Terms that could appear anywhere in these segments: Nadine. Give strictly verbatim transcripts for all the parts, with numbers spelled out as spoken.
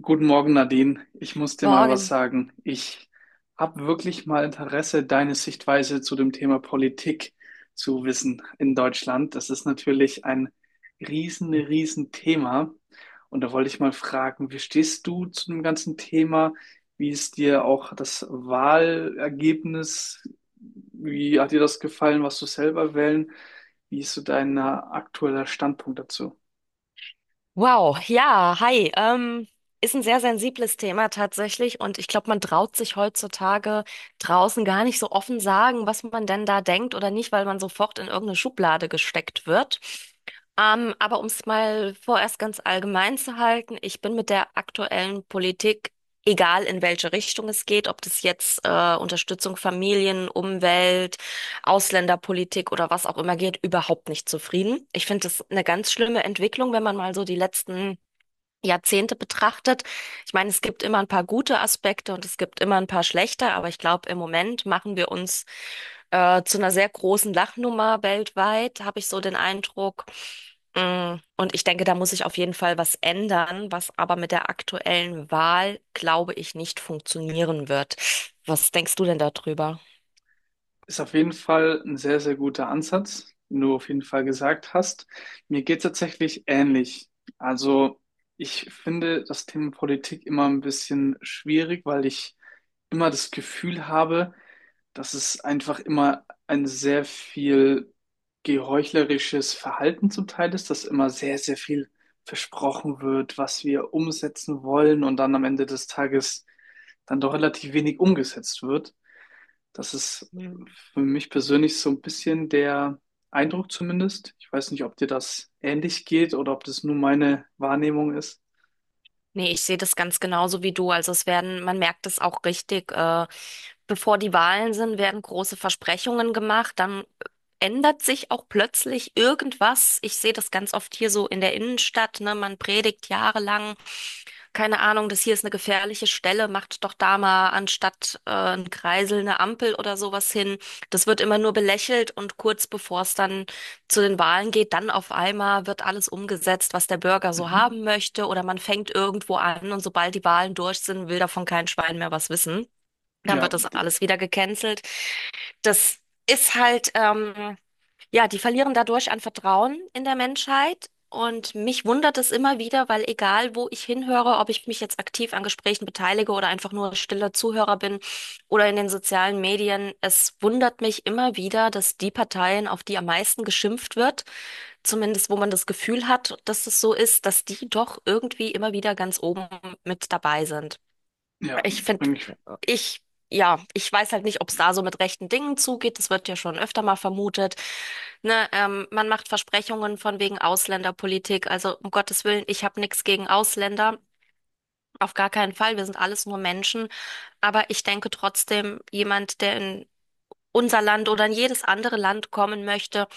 Guten Morgen, Nadine. Ich muss dir mal was Morgen. sagen. Ich habe wirklich mal Interesse, deine Sichtweise zu dem Thema Politik zu wissen in Deutschland. Das ist natürlich ein riesen, riesen Thema. Und da wollte ich mal fragen, wie stehst du zu dem ganzen Thema? Wie ist dir auch das Wahlergebnis? Wie hat dir das gefallen, was du selber wählen? Wie ist so dein äh, aktueller Standpunkt dazu? Wow, ja, hi. Ähm, ist ein sehr sensibles Thema tatsächlich und ich glaube, man traut sich heutzutage draußen gar nicht so offen sagen, was man denn da denkt oder nicht, weil man sofort in irgendeine Schublade gesteckt wird. Ähm, aber um es mal vorerst ganz allgemein zu halten, ich bin mit der aktuellen Politik, egal in welche Richtung es geht, ob das jetzt äh, Unterstützung Familien, Umwelt, Ausländerpolitik oder was auch immer geht, überhaupt nicht zufrieden. Ich finde das eine ganz schlimme Entwicklung, wenn man mal so die letzten Jahrzehnte betrachtet. Ich meine, es gibt immer ein paar gute Aspekte und es gibt immer ein paar schlechte, aber ich glaube, im Moment machen wir uns äh, zu einer sehr großen Lachnummer weltweit, habe ich so den Eindruck. Mm, Und ich denke, da muss sich auf jeden Fall was ändern, was aber mit der aktuellen Wahl, glaube ich, nicht funktionieren wird. Was denkst du denn darüber? Ist auf jeden Fall ein sehr, sehr guter Ansatz, den du auf jeden Fall gesagt hast. Mir geht tatsächlich ähnlich. Also ich finde das Thema Politik immer ein bisschen schwierig, weil ich immer das Gefühl habe, dass es einfach immer ein sehr viel geheuchlerisches Verhalten zum Teil ist, dass immer sehr, sehr viel versprochen wird, was wir umsetzen wollen und dann am Ende des Tages dann doch relativ wenig umgesetzt wird. Das ist für mich persönlich so ein bisschen der Eindruck zumindest. Ich weiß nicht, ob dir das ähnlich geht oder ob das nur meine Wahrnehmung ist. Nee, ich sehe das ganz genauso wie du. Also es werden, man merkt es auch richtig, äh, bevor die Wahlen sind, werden große Versprechungen gemacht, dann ändert sich auch plötzlich irgendwas. Ich sehe das ganz oft hier so in der Innenstadt, ne? Man predigt jahrelang keine Ahnung, das hier ist eine gefährliche Stelle, macht doch da mal anstatt äh, ein Kreisel eine Ampel oder sowas hin. Das wird immer nur belächelt und kurz bevor es dann zu den Wahlen geht, dann auf einmal wird alles umgesetzt, was der Bürger so Mhm. haben möchte oder man fängt irgendwo an und sobald die Wahlen durch sind, will davon kein Schwein mehr was wissen. Dann Ja, wird das d- alles wieder gecancelt. Das ist halt, ähm, ja, die verlieren dadurch an Vertrauen in der Menschheit. Und mich wundert es immer wieder, weil egal, wo ich hinhöre, ob ich mich jetzt aktiv an Gesprächen beteilige oder einfach nur stiller Zuhörer bin oder in den sozialen Medien, es wundert mich immer wieder, dass die Parteien, auf die am meisten geschimpft wird, zumindest wo man das Gefühl hat, dass es so ist, dass die doch irgendwie immer wieder ganz oben mit dabei sind. ja, Ich da finde, bin ich. ich, ja, ich weiß halt nicht, ob es da so mit rechten Dingen zugeht. Das wird ja schon öfter mal vermutet. Ne, ähm, man macht Versprechungen von wegen Ausländerpolitik. Also um Gottes Willen, ich habe nichts gegen Ausländer. Auf gar keinen Fall. Wir sind alles nur Menschen. Aber ich denke trotzdem, jemand, der in unser Land oder in jedes andere Land kommen möchte,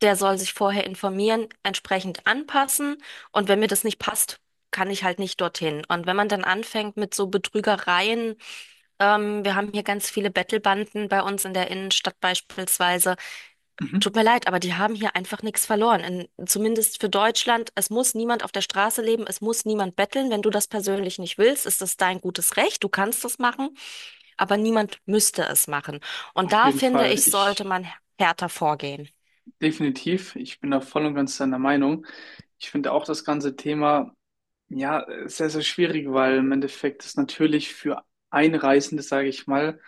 der soll sich vorher informieren, entsprechend anpassen. Und wenn mir das nicht passt, kann ich halt nicht dorthin. Und wenn man dann anfängt mit so Betrügereien, ähm, wir haben hier ganz viele Bettelbanden bei uns in der Innenstadt beispielsweise. Tut Mhm. mir leid, aber die haben hier einfach nichts verloren. In, zumindest für Deutschland. Es muss niemand auf der Straße leben, es muss niemand betteln. Wenn du das persönlich nicht willst, ist das dein gutes Recht. Du kannst das machen, aber niemand müsste es machen. Und Auf da jeden finde Fall. ich, sollte Ich man härter vorgehen. definitiv, ich bin da voll und ganz deiner Meinung. Ich finde auch das ganze Thema ja sehr, sehr schwierig, weil im Endeffekt es natürlich für Einreisende, sage ich mal,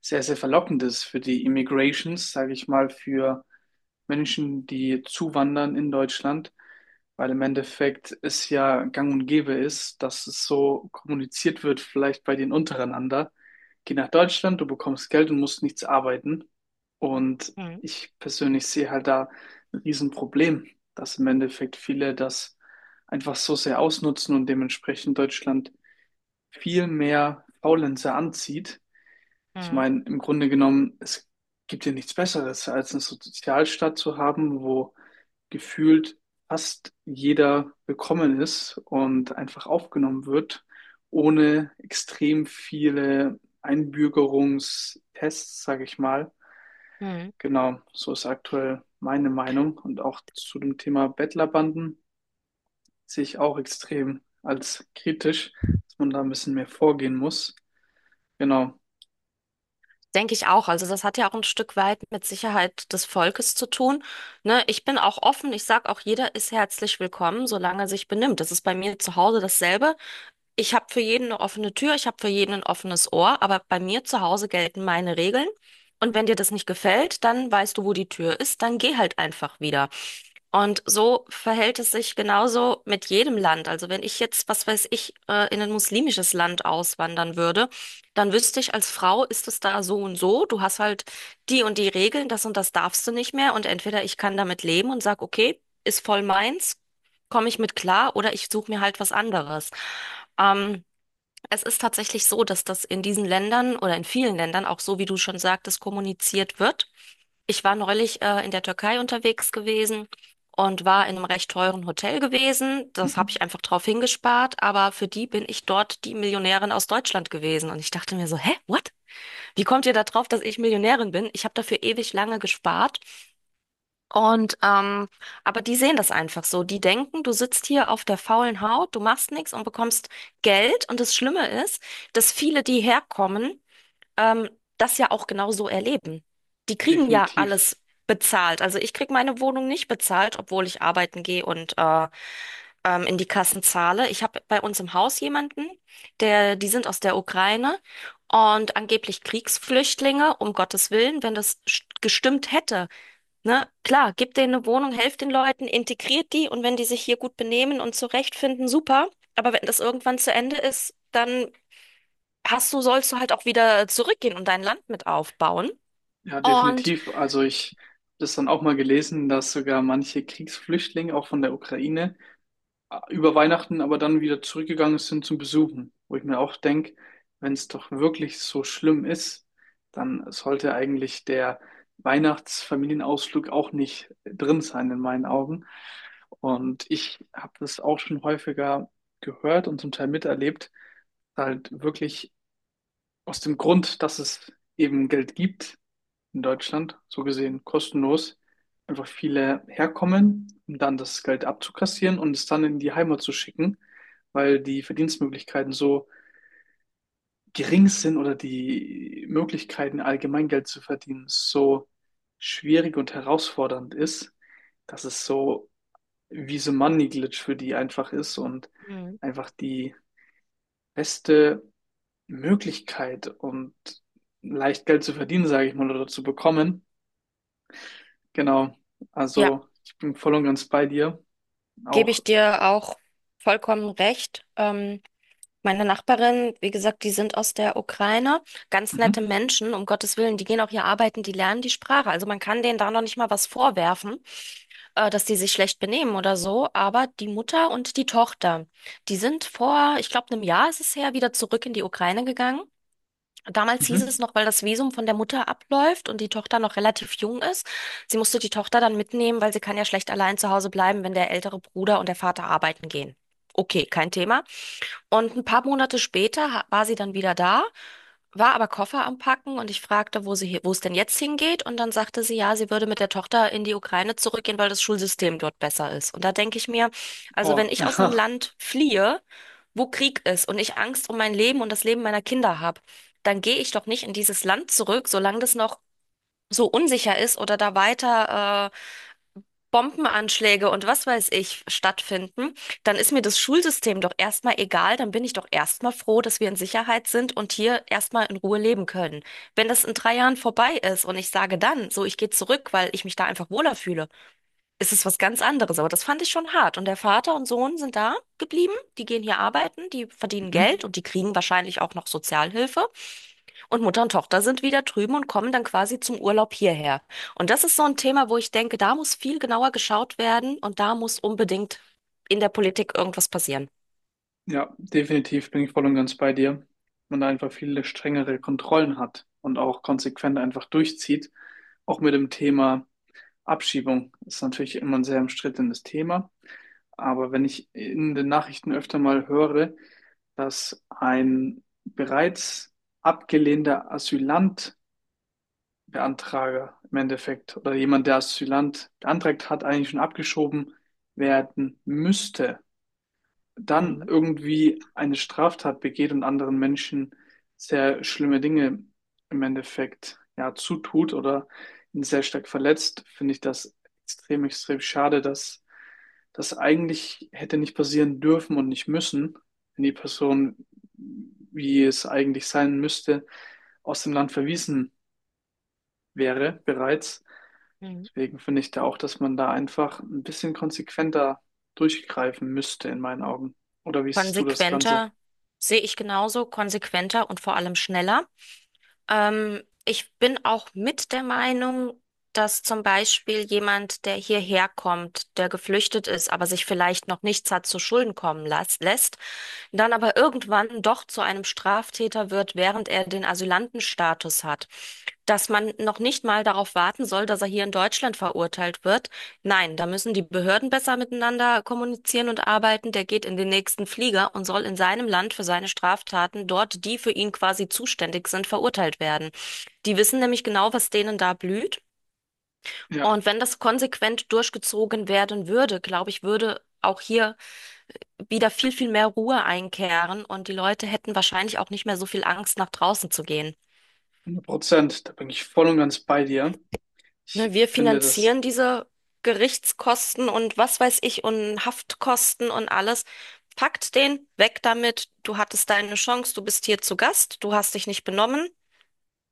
sehr, sehr verlockend ist für die Immigrations, sage ich mal, für Menschen, die zuwandern in Deutschland, weil im Endeffekt es ja gang und gäbe ist, dass es so kommuniziert wird, vielleicht bei den untereinander. Geh nach Deutschland, du bekommst Geld und musst nichts arbeiten. Und Hm, ich persönlich sehe halt da ein Riesenproblem, dass im Endeffekt viele das einfach so sehr ausnutzen und dementsprechend Deutschland viel mehr Faulenzer anzieht. Ich hm, meine, im Grunde genommen, es gibt ja nichts Besseres, als eine Sozialstaat zu haben, wo gefühlt fast jeder willkommen ist und einfach aufgenommen wird, ohne extrem viele Einbürgerungstests, sage ich mal. hm. Genau, so ist aktuell meine Meinung. Und auch zu dem Thema Bettlerbanden sehe ich auch extrem als kritisch, dass man da ein bisschen mehr vorgehen muss. Genau, Denke ich auch. Also das hat ja auch ein Stück weit mit Sicherheit des Volkes zu tun. Ne, ich bin auch offen. Ich sage auch, jeder ist herzlich willkommen, solange er sich benimmt. Das ist bei mir zu Hause dasselbe. Ich habe für jeden eine offene Tür, ich habe für jeden ein offenes Ohr, aber bei mir zu Hause gelten meine Regeln. Und wenn dir das nicht gefällt, dann weißt du, wo die Tür ist, dann geh halt einfach wieder. Und so verhält es sich genauso mit jedem Land. Also wenn ich jetzt, was weiß ich, äh, in ein muslimisches Land auswandern würde, dann wüsste ich, als Frau ist es da so und so. Du hast halt die und die Regeln, das und das darfst du nicht mehr. Und entweder ich kann damit leben und sag, okay, ist voll meins, komme ich mit klar, oder ich suche mir halt was anderes. Ähm, Es ist tatsächlich so, dass das in diesen Ländern oder in vielen Ländern auch so, wie du schon sagtest, kommuniziert wird. Ich war neulich äh, in der Türkei unterwegs gewesen und war in einem recht teuren Hotel gewesen. Das habe mhm. ich einfach drauf hingespart, aber für die bin ich dort die Millionärin aus Deutschland gewesen. Und ich dachte mir so, hä, what? Wie kommt ihr da drauf, dass ich Millionärin bin? Ich habe dafür ewig lange gespart. Und ähm, aber die sehen das einfach so. Die denken, du sitzt hier auf der faulen Haut, du machst nichts und bekommst Geld. Und das Schlimme ist, dass viele, die herkommen, ähm, das ja auch genau so erleben. Die kriegen ja Definitiv. alles bezahlt. Also ich krieg meine Wohnung nicht bezahlt, obwohl ich arbeiten gehe und äh, ähm, in die Kassen zahle. Ich habe bei uns im Haus jemanden, der, die sind aus der Ukraine und angeblich Kriegsflüchtlinge, um Gottes Willen, wenn das st- gestimmt hätte. Ne? Klar, gebt denen eine Wohnung, helft den Leuten, integriert die und wenn die sich hier gut benehmen und zurechtfinden, super. Aber wenn das irgendwann zu Ende ist, dann hast du, sollst du halt auch wieder zurückgehen und dein Land mit aufbauen. Ja, Und definitiv. Also ich habe das dann auch mal gelesen, dass sogar manche Kriegsflüchtlinge auch von der Ukraine über Weihnachten aber dann wieder zurückgegangen sind zum Besuchen, wo ich mir auch denke, wenn es doch wirklich so schlimm ist, dann sollte eigentlich der Weihnachtsfamilienausflug auch nicht drin sein in meinen Augen. Und ich habe das auch schon häufiger gehört und zum Teil miterlebt, halt wirklich aus dem Grund, dass es eben Geld gibt, in Deutschland, so gesehen kostenlos, einfach viele herkommen, um dann das Geld abzukassieren und es dann in die Heimat zu schicken, weil die Verdienstmöglichkeiten so gering sind oder die Möglichkeiten, allgemein Geld zu verdienen, so schwierig und herausfordernd ist, dass es so wie so ein Money Glitch für die einfach ist und Mhm. einfach die beste Möglichkeit und leicht Geld zu verdienen, sage ich mal, oder zu bekommen. Genau, Ja, also ich bin voll und ganz bei dir. gebe Auch, ich dir auch vollkommen recht. Ähm, meine Nachbarin, wie gesagt, die sind aus der Ukraine, ganz nette mhm. Menschen, um Gottes Willen, die gehen auch hier arbeiten, die lernen die Sprache. Also man kann denen da noch nicht mal was vorwerfen, äh, dass die sich schlecht benehmen oder so, aber die Mutter und die Tochter, die sind vor, ich glaube, einem Jahr ist es her, wieder zurück in die Ukraine gegangen. Damals hieß Mhm. es noch, weil das Visum von der Mutter abläuft und die Tochter noch relativ jung ist. Sie musste die Tochter dann mitnehmen, weil sie kann ja schlecht allein zu Hause bleiben, wenn der ältere Bruder und der Vater arbeiten gehen. Okay, kein Thema. Und ein paar Monate später ha- war sie dann wieder da, war aber Koffer am Packen und ich fragte, wo sie, hi- wo es denn jetzt hingeht. Und dann sagte sie, ja, sie würde mit der Tochter in die Ukraine zurückgehen, weil das Schulsystem dort besser ist. Und da denke ich mir, also wenn Oh, ich aus einem aha. Land fliehe, wo Krieg ist und ich Angst um mein Leben und das Leben meiner Kinder habe, dann gehe ich doch nicht in dieses Land zurück, solange das noch so unsicher ist oder da weiter äh, Bombenanschläge und was weiß ich stattfinden, dann ist mir das Schulsystem doch erstmal egal, dann bin ich doch erstmal froh, dass wir in Sicherheit sind und hier erstmal in Ruhe leben können. Wenn das in drei Jahren vorbei ist und ich sage dann, so ich gehe zurück, weil ich mich da einfach wohler fühle, ist es was ganz anderes. Aber das fand ich schon hart. Und der Vater und Sohn sind da geblieben. Die gehen hier arbeiten, die verdienen Mhm. Geld und die kriegen wahrscheinlich auch noch Sozialhilfe. Und Mutter und Tochter sind wieder drüben und kommen dann quasi zum Urlaub hierher. Und das ist so ein Thema, wo ich denke, da muss viel genauer geschaut werden und da muss unbedingt in der Politik irgendwas passieren. Ja, definitiv bin ich voll und ganz bei dir. Man da einfach viele strengere Kontrollen hat und auch konsequent einfach durchzieht. Auch mit dem Thema Abschiebung ist natürlich immer ein sehr umstrittenes Thema. Aber wenn ich in den Nachrichten öfter mal höre, dass ein bereits abgelehnter Asylant Beantrager im Endeffekt oder jemand, der Asylant beantragt hat, eigentlich schon abgeschoben werden müsste, dann Mhm. irgendwie eine Straftat begeht und anderen Menschen sehr schlimme Dinge im Endeffekt ja zutut oder ihn sehr stark verletzt, finde ich das extrem, extrem schade, dass das eigentlich hätte nicht passieren dürfen und nicht müssen, wenn die Person, wie es eigentlich sein müsste, aus dem Land verwiesen wäre bereits. Mhm. Deswegen finde ich da auch, dass man da einfach ein bisschen konsequenter durchgreifen müsste in meinen Augen. Oder wie siehst du das Ganze? Konsequenter sehe ich genauso, konsequenter und vor allem schneller. Ähm, ich bin auch mit der Meinung, dass zum Beispiel jemand, der hierher kommt, der geflüchtet ist, aber sich vielleicht noch nichts hat zu Schulden kommen las- lässt, dann aber irgendwann doch zu einem Straftäter wird, während er den Asylantenstatus hat. Dass man noch nicht mal darauf warten soll, dass er hier in Deutschland verurteilt wird. Nein, da müssen die Behörden besser miteinander kommunizieren und arbeiten. Der geht in den nächsten Flieger und soll in seinem Land für seine Straftaten dort, die für ihn quasi zuständig sind, verurteilt werden. Die wissen nämlich genau, was denen da blüht. Ja, Und wenn das konsequent durchgezogen werden würde, glaube ich, würde auch hier wieder viel, viel mehr Ruhe einkehren und die Leute hätten wahrscheinlich auch nicht mehr so viel Angst, nach draußen zu gehen. hundert Prozent. Da bin ich voll und ganz bei dir. Ich Ne, wir finde das, finanzieren diese Gerichtskosten und was weiß ich und Haftkosten und alles. Packt den, weg damit. Du hattest deine Chance, du bist hier zu Gast, du hast dich nicht benommen.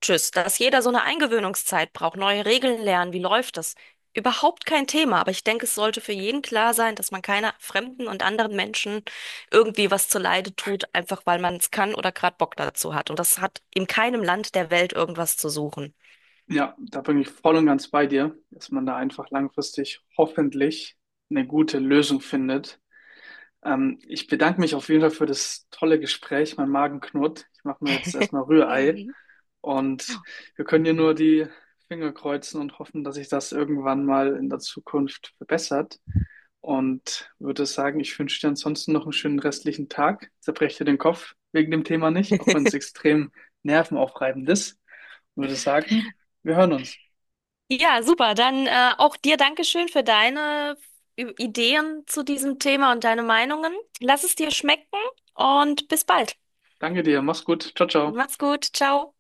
Tschüss, dass jeder so eine Eingewöhnungszeit braucht, neue Regeln lernen, wie läuft das? Überhaupt kein Thema, aber ich denke, es sollte für jeden klar sein, dass man keiner fremden und anderen Menschen irgendwie was zuleide tut, einfach weil man es kann oder gerade Bock dazu hat. Und das hat in keinem Land der Welt irgendwas zu suchen. ja, da bin ich voll und ganz bei dir, dass man da einfach langfristig hoffentlich eine gute Lösung findet. Ähm, ich bedanke mich auf jeden Fall für das tolle Gespräch. Mein Magen knurrt. Ich mache mir jetzt erstmal Rührei. Mhm. Und wir können hier nur die Finger kreuzen und hoffen, dass sich das irgendwann mal in der Zukunft verbessert. Und würde sagen, ich wünsche dir ansonsten noch einen schönen restlichen Tag. Zerbreche dir den Kopf wegen dem Thema nicht, auch wenn es extrem nervenaufreibend ist. Und würde sagen, wir hören uns. Ja, super. Dann äh, auch dir Dankeschön für deine Ü- Ideen zu diesem Thema und deine Meinungen. Lass es dir schmecken und bis bald. Danke dir, mach's gut. Ciao, ciao. Mach's gut. Ciao.